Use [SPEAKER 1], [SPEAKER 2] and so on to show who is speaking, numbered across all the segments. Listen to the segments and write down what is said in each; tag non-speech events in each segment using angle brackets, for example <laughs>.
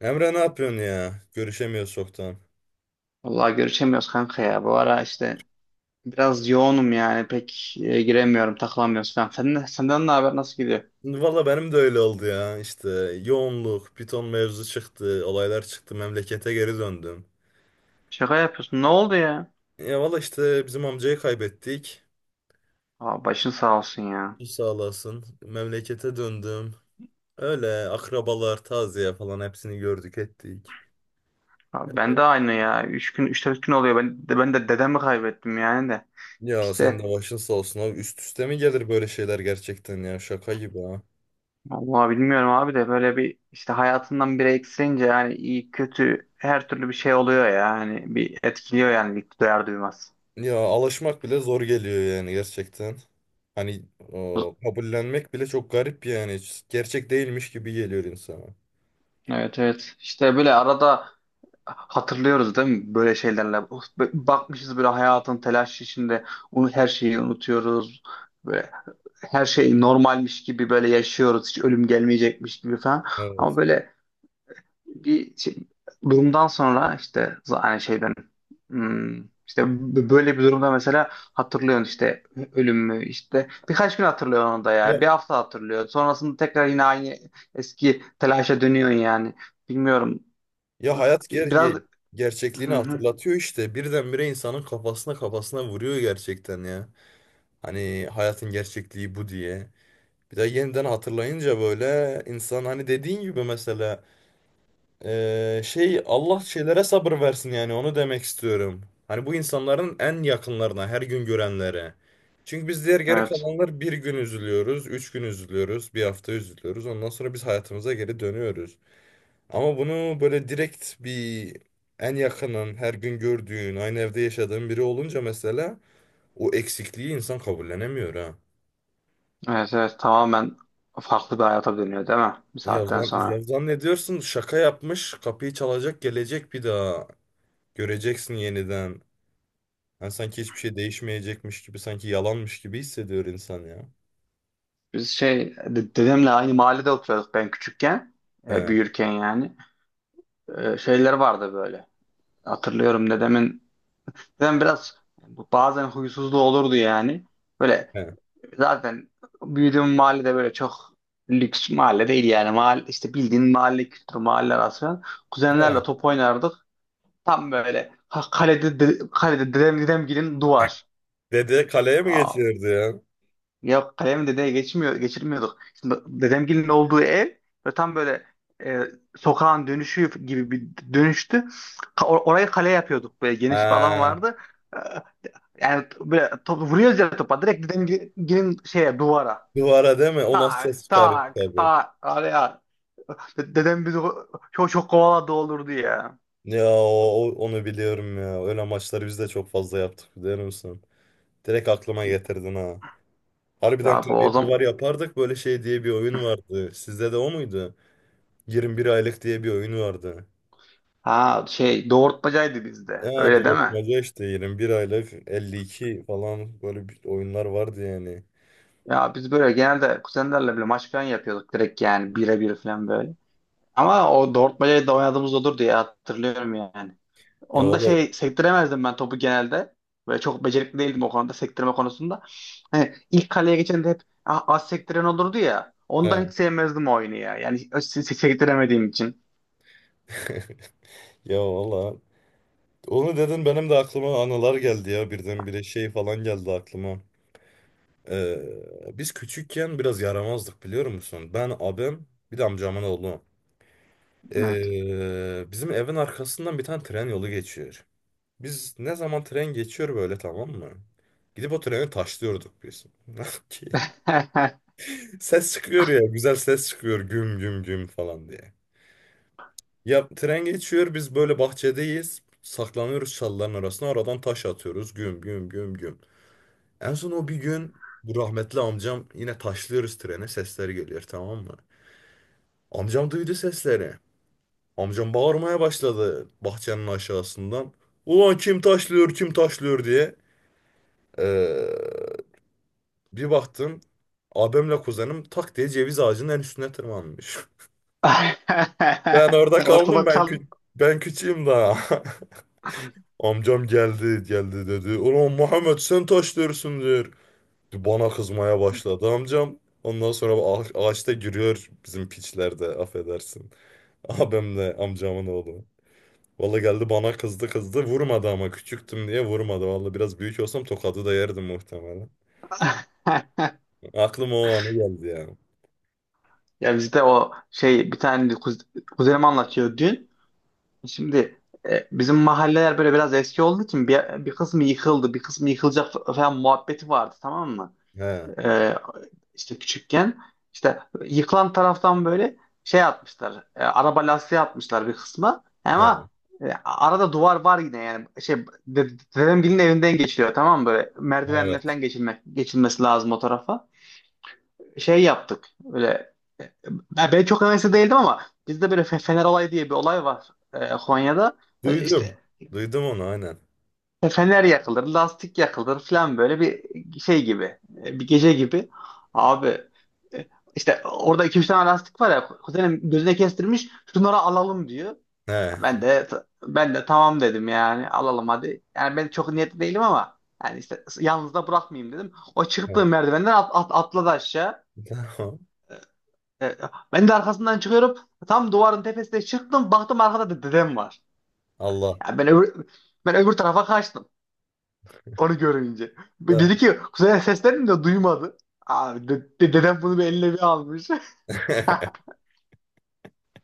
[SPEAKER 1] Emre ne yapıyorsun ya? Görüşemiyoruz çoktan.
[SPEAKER 2] Vallahi görüşemiyoruz kanka ya. Bu ara işte biraz yoğunum yani. Pek giremiyorum, takılamıyoruz falan. Senden ne haber? Nasıl gidiyor?
[SPEAKER 1] Valla benim de öyle oldu ya. İşte yoğunluk, Python mevzu çıktı, olaylar çıktı, memlekete geri döndüm.
[SPEAKER 2] Şaka yapıyorsun. Ne oldu ya?
[SPEAKER 1] Ya valla işte bizim amcayı kaybettik.
[SPEAKER 2] Aa, başın sağ olsun ya.
[SPEAKER 1] Sağ olasın. Memlekete döndüm. Öyle akrabalar, taziye falan hepsini gördük ettik.
[SPEAKER 2] Abi ben de aynı ya. Üç gün, üç dört gün oluyor. Ben de dedemi kaybettim yani de.
[SPEAKER 1] Ya sen de
[SPEAKER 2] İşte
[SPEAKER 1] başın sağ olsun abi. Üst üste mi gelir böyle şeyler gerçekten ya? Şaka gibi ha.
[SPEAKER 2] vallahi bilmiyorum abi de böyle bir işte hayatından biri eksilince yani iyi kötü her türlü bir şey oluyor ya. Yani bir etkiliyor yani ilk duyar duymaz.
[SPEAKER 1] Ya alışmak bile zor geliyor yani gerçekten. Hani o, kabullenmek bile çok garip yani. Hiç gerçek değilmiş gibi geliyor insana.
[SPEAKER 2] Evet evet. İşte böyle arada hatırlıyoruz değil mi böyle şeylerle? Of, bakmışız böyle hayatın telaşı içinde onu her şeyi unutuyoruz. Böyle her şey normalmiş gibi böyle yaşıyoruz. Hiç ölüm gelmeyecekmiş gibi falan. Ama
[SPEAKER 1] Evet.
[SPEAKER 2] böyle bir şey, durumdan sonra işte yani şeyden işte böyle bir durumda mesela hatırlıyorsun işte ölümü işte birkaç gün hatırlıyorsun onu da
[SPEAKER 1] Ya,
[SPEAKER 2] ya bir hafta hatırlıyorsun sonrasında tekrar yine aynı eski telaşa dönüyorsun yani bilmiyorum
[SPEAKER 1] ya hayat ger
[SPEAKER 2] biraz.
[SPEAKER 1] ye-
[SPEAKER 2] Hı
[SPEAKER 1] gerçekliğini
[SPEAKER 2] hı.
[SPEAKER 1] hatırlatıyor işte. Birdenbire insanın kafasına vuruyor gerçekten ya. Hani hayatın gerçekliği bu diye. Bir de yeniden hatırlayınca böyle insan hani dediğin gibi mesela şey Allah şeylere sabır versin yani onu demek istiyorum. Hani bu insanların en yakınlarına, her gün görenlere. Çünkü biz diğer geri
[SPEAKER 2] Evet.
[SPEAKER 1] kalanlar bir gün üzülüyoruz, üç gün üzülüyoruz, bir hafta üzülüyoruz. Ondan sonra biz hayatımıza geri dönüyoruz. Ama bunu böyle direkt bir en yakının, her gün gördüğün, aynı evde yaşadığın biri olunca mesela o eksikliği insan kabullenemiyor ha.
[SPEAKER 2] Evet evet tamamen farklı bir hayata dönüyor değil mi? Bir
[SPEAKER 1] Ya,
[SPEAKER 2] saatten
[SPEAKER 1] ya
[SPEAKER 2] sonra.
[SPEAKER 1] zannediyorsun şaka yapmış, kapıyı çalacak, gelecek bir daha. Göreceksin yeniden. Yani sanki hiçbir şey değişmeyecekmiş gibi, sanki yalanmış gibi hissediyor insan ya.
[SPEAKER 2] Biz dedemle aynı mahallede oturuyorduk ben küçükken. E,
[SPEAKER 1] He,
[SPEAKER 2] büyürken yani. Şeyler vardı böyle. Hatırlıyorum dedemin. Dedem biraz bazen huysuzluğu olurdu yani. Böyle
[SPEAKER 1] he,
[SPEAKER 2] zaten büyüdüğüm mahallede böyle çok lüks mahalle değil yani. Mahalle, işte bildiğin mahalle kültürü mahalle arası falan.
[SPEAKER 1] he.
[SPEAKER 2] Kuzenlerle top oynardık. Tam böyle kalede, kalede dedem dedemgilin duvar.
[SPEAKER 1] Dede kaleye mi getirirdi ya?
[SPEAKER 2] Yok kalem dedeye geçmiyor, geçirmiyorduk. Şimdi dedemgilin olduğu ev ve tam böyle e, sokağın dönüşü gibi bir dönüştü. Orayı kale yapıyorduk. Böyle geniş bir alan
[SPEAKER 1] Ha,
[SPEAKER 2] vardı. E, yani böyle top, vuruyoruz ya topa. Direkt dedemgilin şeye duvara.
[SPEAKER 1] duvara değil mi? O nasıl ses
[SPEAKER 2] Tak
[SPEAKER 1] çıkarıyor
[SPEAKER 2] tak
[SPEAKER 1] tabii.
[SPEAKER 2] tak araya. Dedem bizi çok çok kovaladı olurdu ya.
[SPEAKER 1] Ya o, onu biliyorum ya. Öyle maçları biz de çok fazla yaptık biliyor musun? Direkt aklıma getirdin ha. Harbiden
[SPEAKER 2] Ya bu o
[SPEAKER 1] kaleyi duvar
[SPEAKER 2] zaman
[SPEAKER 1] yapardık böyle şey diye bir oyun vardı. Sizde de o muydu? 21 aylık diye bir oyun vardı.
[SPEAKER 2] ha şey doğurtmacaydı bizde.
[SPEAKER 1] Ee,
[SPEAKER 2] Öyle değil mi?
[SPEAKER 1] doğurtmaca işte 21 aylık 52 falan böyle bir oyunlar vardı yani.
[SPEAKER 2] Ya biz böyle genelde kuzenlerle bile maç falan yapıyorduk direkt yani birebir falan böyle. Ama o Dortmund'a da oynadığımız olur diye hatırlıyorum yani.
[SPEAKER 1] Ya
[SPEAKER 2] Onu da
[SPEAKER 1] valla
[SPEAKER 2] şey sektiremezdim ben topu genelde. Böyle çok becerikli değildim o konuda sektirme konusunda. Hani ilk kaleye geçen de hep "Ah, az sektiren olurdu ya.
[SPEAKER 1] he.
[SPEAKER 2] Ondan hiç sevmezdim o oyunu ya. Yani sektiremediğim için.
[SPEAKER 1] <laughs> Ya valla. Onu dedin benim de aklıma anılar geldi ya birdenbire şey falan geldi aklıma. Biz küçükken biraz yaramazdık biliyor musun? Ben abim bir de amcamın oğlu.
[SPEAKER 2] Evet.
[SPEAKER 1] Bizim evin arkasından bir tane tren yolu geçiyor. Biz ne zaman tren geçiyor böyle tamam mı? Gidip o treni taşlıyorduk biz. <laughs> Ses çıkıyor ya güzel ses çıkıyor güm güm güm falan diye. Ya tren geçiyor biz böyle bahçedeyiz. Saklanıyoruz çalıların arasına. Aradan taş atıyoruz. Güm güm güm güm. En son o bir gün bu rahmetli amcam yine taşlıyoruz trene. Sesleri geliyor tamam mı? Amcam duydu sesleri. Amcam bağırmaya başladı bahçenin aşağısından. Ulan kim taşlıyor kim taşlıyor diye. Ee, bir baktım abimle kuzenim tak diye ceviz ağacının en üstüne tırmanmış. <laughs> Ben orada
[SPEAKER 2] <laughs>
[SPEAKER 1] kaldım
[SPEAKER 2] Ortada
[SPEAKER 1] ben
[SPEAKER 2] kaldım.
[SPEAKER 1] kü ben küçüğüm daha. <laughs> Amcam geldi geldi dedi. Ulan Muhammed sen taş diyorsun diyor. Bana kızmaya başladı amcam. Ondan sonra ağaçta giriyor bizim piçlerde affedersin. <laughs> Abimle amcamın oğlu. Valla geldi bana kızdı kızdı vurmadı ama küçüktüm diye vurmadı. Valla biraz büyük olsam tokadı da yerdim muhtemelen.
[SPEAKER 2] <laughs>
[SPEAKER 1] Aklıma o anı geldi yani.
[SPEAKER 2] Ya bizde o şey bir tane kuzenim anlatıyor dün. Şimdi bizim mahalleler böyle biraz eski olduğu için bir kısmı yıkıldı, bir kısmı yıkılacak falan muhabbeti vardı tamam mı?
[SPEAKER 1] He,
[SPEAKER 2] E, işte küçükken işte yıkılan taraftan böyle şey atmışlar, araba lastiği atmışlar bir kısmı.
[SPEAKER 1] he,
[SPEAKER 2] Ama arada duvar var yine yani şey dedem birinin evinden geçiliyor tamam mı böyle merdivenle
[SPEAKER 1] evet.
[SPEAKER 2] falan geçilmek geçilmesi lazım o tarafa. Şey yaptık böyle e, ben çok hevesli değildim ama bizde böyle fener olayı diye bir olay var Konya'da.
[SPEAKER 1] Duydum.
[SPEAKER 2] İşte.
[SPEAKER 1] Duydum onu aynen.
[SPEAKER 2] Fener yakılır, lastik yakılır falan böyle bir şey gibi, bir gece gibi. Abi e, işte orada iki üç tane lastik var ya, kuzenim gözüne kestirmiş, şunları alalım diyor.
[SPEAKER 1] He,
[SPEAKER 2] Ben de ben de tamam dedim yani alalım hadi. Yani ben çok niyetli değilim ama yani işte yalnız da bırakmayayım dedim. O
[SPEAKER 1] he.
[SPEAKER 2] çıktığı merdivenden atladı aşağı.
[SPEAKER 1] <laughs> Tamam.
[SPEAKER 2] E, Ben de arkasından çıkıyorum. Tam duvarın tepesine çıktım, baktım arkada da dedem var.
[SPEAKER 1] Allah.
[SPEAKER 2] Yani ben öbür tarafa kaçtım. Onu görünce. Dedi
[SPEAKER 1] Tamam.
[SPEAKER 2] ki kuzeye seslerini de duymadı. Abi dedem bunu bir eline bir almış.
[SPEAKER 1] <laughs>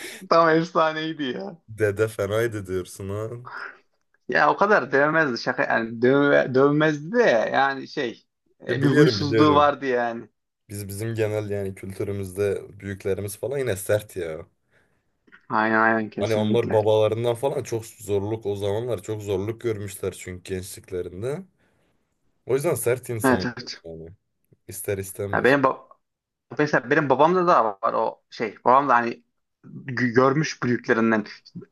[SPEAKER 2] <laughs> Tam efsaneydi ya.
[SPEAKER 1] Dede fenaydı diyorsun ha.
[SPEAKER 2] Ya o kadar dövmezdi şaka yani dövmezdi de yani şey
[SPEAKER 1] Ya
[SPEAKER 2] bir
[SPEAKER 1] biliyorum
[SPEAKER 2] huysuzluğu
[SPEAKER 1] biliyorum.
[SPEAKER 2] vardı yani.
[SPEAKER 1] Bizim genel yani kültürümüzde büyüklerimiz falan yine sert ya.
[SPEAKER 2] Aynen aynen
[SPEAKER 1] Hani onlar
[SPEAKER 2] kesinlikle.
[SPEAKER 1] babalarından falan çok zorluk o zamanlar çok zorluk görmüşler çünkü gençliklerinde. O yüzden sert
[SPEAKER 2] Evet
[SPEAKER 1] insanlar
[SPEAKER 2] evet.
[SPEAKER 1] yani. İster
[SPEAKER 2] Ya
[SPEAKER 1] istemez.
[SPEAKER 2] benim bab- Mesela benim babamda da var o şey. Babam da hani görmüş büyüklerinden.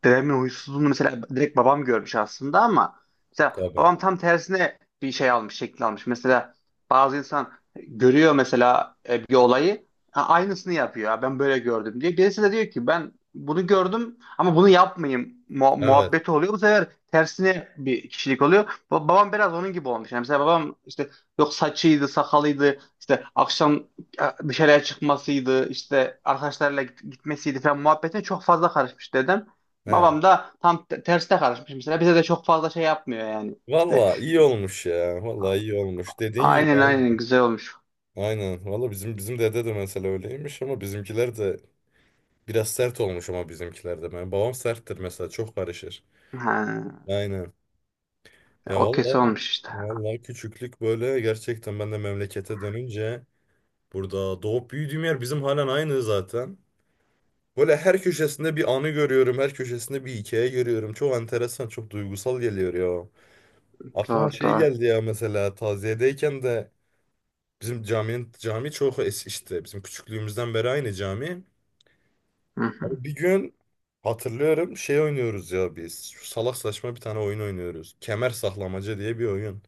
[SPEAKER 2] Dedemin huysuzluğunu mesela direkt babam görmüş aslında ama mesela
[SPEAKER 1] Tabii.
[SPEAKER 2] babam tam tersine bir şey almış, şekil almış. Mesela bazı insan görüyor mesela bir olayı, "Ha, aynısını yapıyor." "Ha, ben böyle gördüm" diye. Birisi de diyor ki ben bunu gördüm ama bunu yapmayayım mu-
[SPEAKER 1] Evet.
[SPEAKER 2] muhabbeti oluyor. Bu sefer tersine bir kişilik oluyor. Babam biraz onun gibi olmuş. Yani mesela babam işte yok saçıydı, sakalıydı, işte akşam ya dışarıya çıkmasıydı, işte arkadaşlarla gitmesiydi falan muhabbete çok fazla karışmış dedem.
[SPEAKER 1] He.
[SPEAKER 2] Babam da tam terste karışmış mesela. Bize de çok fazla şey yapmıyor yani. İşte
[SPEAKER 1] Valla iyi olmuş ya. Valla iyi olmuş. Dediğin gibi
[SPEAKER 2] aynen aynen
[SPEAKER 1] abi.
[SPEAKER 2] güzel olmuş.
[SPEAKER 1] Aynen. Valla bizim dede de mesela öyleymiş ama bizimkiler de biraz sert olmuş ama bizimkiler de. Benim babam serttir mesela çok karışır.
[SPEAKER 2] Ha,
[SPEAKER 1] Aynen. Ya
[SPEAKER 2] o kesin
[SPEAKER 1] valla
[SPEAKER 2] olmuş işte.
[SPEAKER 1] valla küçüklük böyle gerçekten ben de memlekete dönünce burada doğup büyüdüğüm yer bizim halen aynı zaten. Böyle her köşesinde bir anı görüyorum, her köşesinde bir hikaye görüyorum. Çok enteresan, çok duygusal geliyor ya. Aklıma
[SPEAKER 2] Doğru
[SPEAKER 1] şey
[SPEAKER 2] doğru.
[SPEAKER 1] geldi ya mesela taziyedeyken de bizim caminin cami çok işte bizim küçüklüğümüzden beri aynı cami.
[SPEAKER 2] Hı hı.
[SPEAKER 1] Abi bir gün hatırlıyorum şey oynuyoruz ya biz. Şu salak saçma bir tane oyun oynuyoruz. Kemer saklamaca diye bir oyun.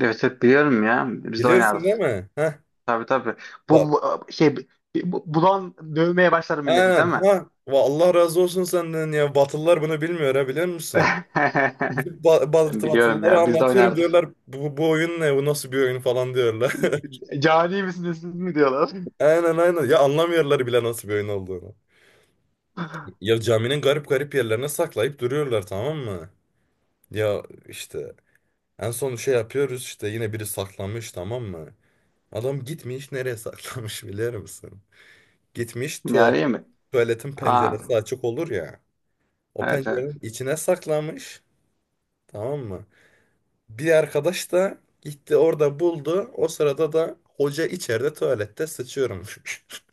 [SPEAKER 2] Evet hep biliyorum ya. Biz de
[SPEAKER 1] Biliyorsun
[SPEAKER 2] oynardık.
[SPEAKER 1] değil mi? Heh.
[SPEAKER 2] Tabii tabii.
[SPEAKER 1] Ba-
[SPEAKER 2] Bu, bu- şey bulan dövmeye başlar milleti değil
[SPEAKER 1] Aynen
[SPEAKER 2] mi?
[SPEAKER 1] ha. Allah razı olsun senden ya. Batılılar bunu bilmiyor ha biliyor musun?
[SPEAKER 2] <laughs>
[SPEAKER 1] Gidip ba bat
[SPEAKER 2] Ben biliyorum
[SPEAKER 1] Batılılara
[SPEAKER 2] ya. Biz de
[SPEAKER 1] anlatıyorum
[SPEAKER 2] oynardık.
[SPEAKER 1] diyorlar bu oyun ne bu nasıl bir oyun falan diyorlar.
[SPEAKER 2] Cani misiniz siz mi diyorlar.
[SPEAKER 1] <laughs> Aynen aynen ya anlamıyorlar bile nasıl bir oyun olduğunu.
[SPEAKER 2] <laughs>
[SPEAKER 1] Ya caminin garip garip yerlerine saklayıp duruyorlar tamam mı? Ya işte en son şey yapıyoruz işte yine biri saklamış tamam mı? Adam gitmiş nereye saklamış <laughs> biliyor musun? Gitmiş
[SPEAKER 2] Cani mi?
[SPEAKER 1] tuvaletin
[SPEAKER 2] Aa,
[SPEAKER 1] penceresi açık olur ya. O
[SPEAKER 2] evet
[SPEAKER 1] pencerenin
[SPEAKER 2] evet.
[SPEAKER 1] içine saklamış tamam mı? Bir arkadaş da gitti orada buldu. O sırada da hoca içeride tuvalette sıçıyormuş. <laughs>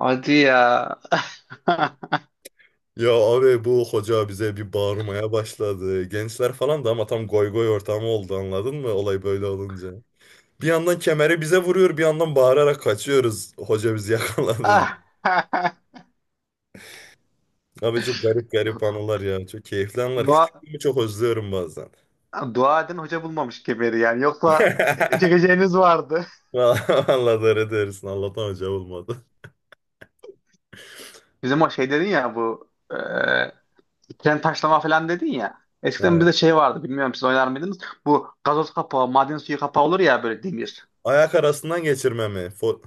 [SPEAKER 2] Hadi ya. <laughs>
[SPEAKER 1] Ya abi bu hoca bize bir bağırmaya başladı. Gençler falan da ama tam goy goy ortamı oldu anladın mı olay böyle olunca. Bir yandan kemeri bize vuruyor bir yandan bağırarak kaçıyoruz. Hoca bizi <laughs> yakaladı.
[SPEAKER 2] Ah. <laughs>
[SPEAKER 1] Abi çok garip garip anılar ya. Çok keyifli anılar.
[SPEAKER 2] Dua,
[SPEAKER 1] Küçüklüğümü çok özlüyorum bazen.
[SPEAKER 2] dua edin hoca bulmamış kemeri yani. Yoksa
[SPEAKER 1] <laughs>
[SPEAKER 2] çekeceğiniz vardı.
[SPEAKER 1] Vallahi doğru diyorsun. Allah'tan hoca olmadı.
[SPEAKER 2] Bizim o şey dedin ya bu tren taşlama falan dedin ya. Eskiden bizde
[SPEAKER 1] He.
[SPEAKER 2] şey vardı bilmiyorum siz oynar mıydınız? Bu gazoz kapağı, maden suyu kapağı olur ya böyle demir.
[SPEAKER 1] Ayak arasından geçirme mi?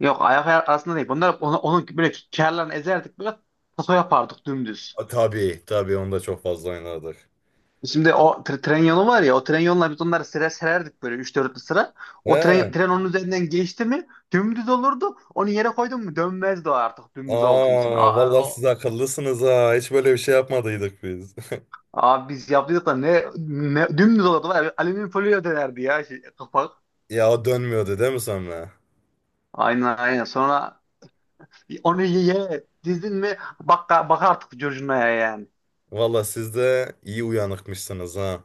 [SPEAKER 2] Yok ayak arasında değil. Bunlar onu böyle kârlarını ezerdik böyle taso yapardık dümdüz.
[SPEAKER 1] A, tabii tabii onda çok fazla oynadık.
[SPEAKER 2] Şimdi o tren yolu var ya o tren yoluna biz onları sıra sererdik böyle üç 4 sıra. O
[SPEAKER 1] He.
[SPEAKER 2] tren onun üzerinden geçti mi dümdüz olurdu. Onu yere koydun mu dönmezdi o artık dümdüz olduğu için. Aa,
[SPEAKER 1] Aa
[SPEAKER 2] aa,
[SPEAKER 1] vallahi siz
[SPEAKER 2] o,
[SPEAKER 1] akıllısınız ha. Hiç böyle bir şey yapmadıydık biz. <laughs>
[SPEAKER 2] abi biz yaptıydık da ne dümdüz olurdu var ya alüminyum folyo dönerdi ya şey, kapak.
[SPEAKER 1] Ya o dönmüyordu değil mi sonra?
[SPEAKER 2] Aynen aynen sonra onu yere dizdin mi bak, bak artık curcunaya yani.
[SPEAKER 1] Vallahi siz de iyi uyanıkmışsınız ha.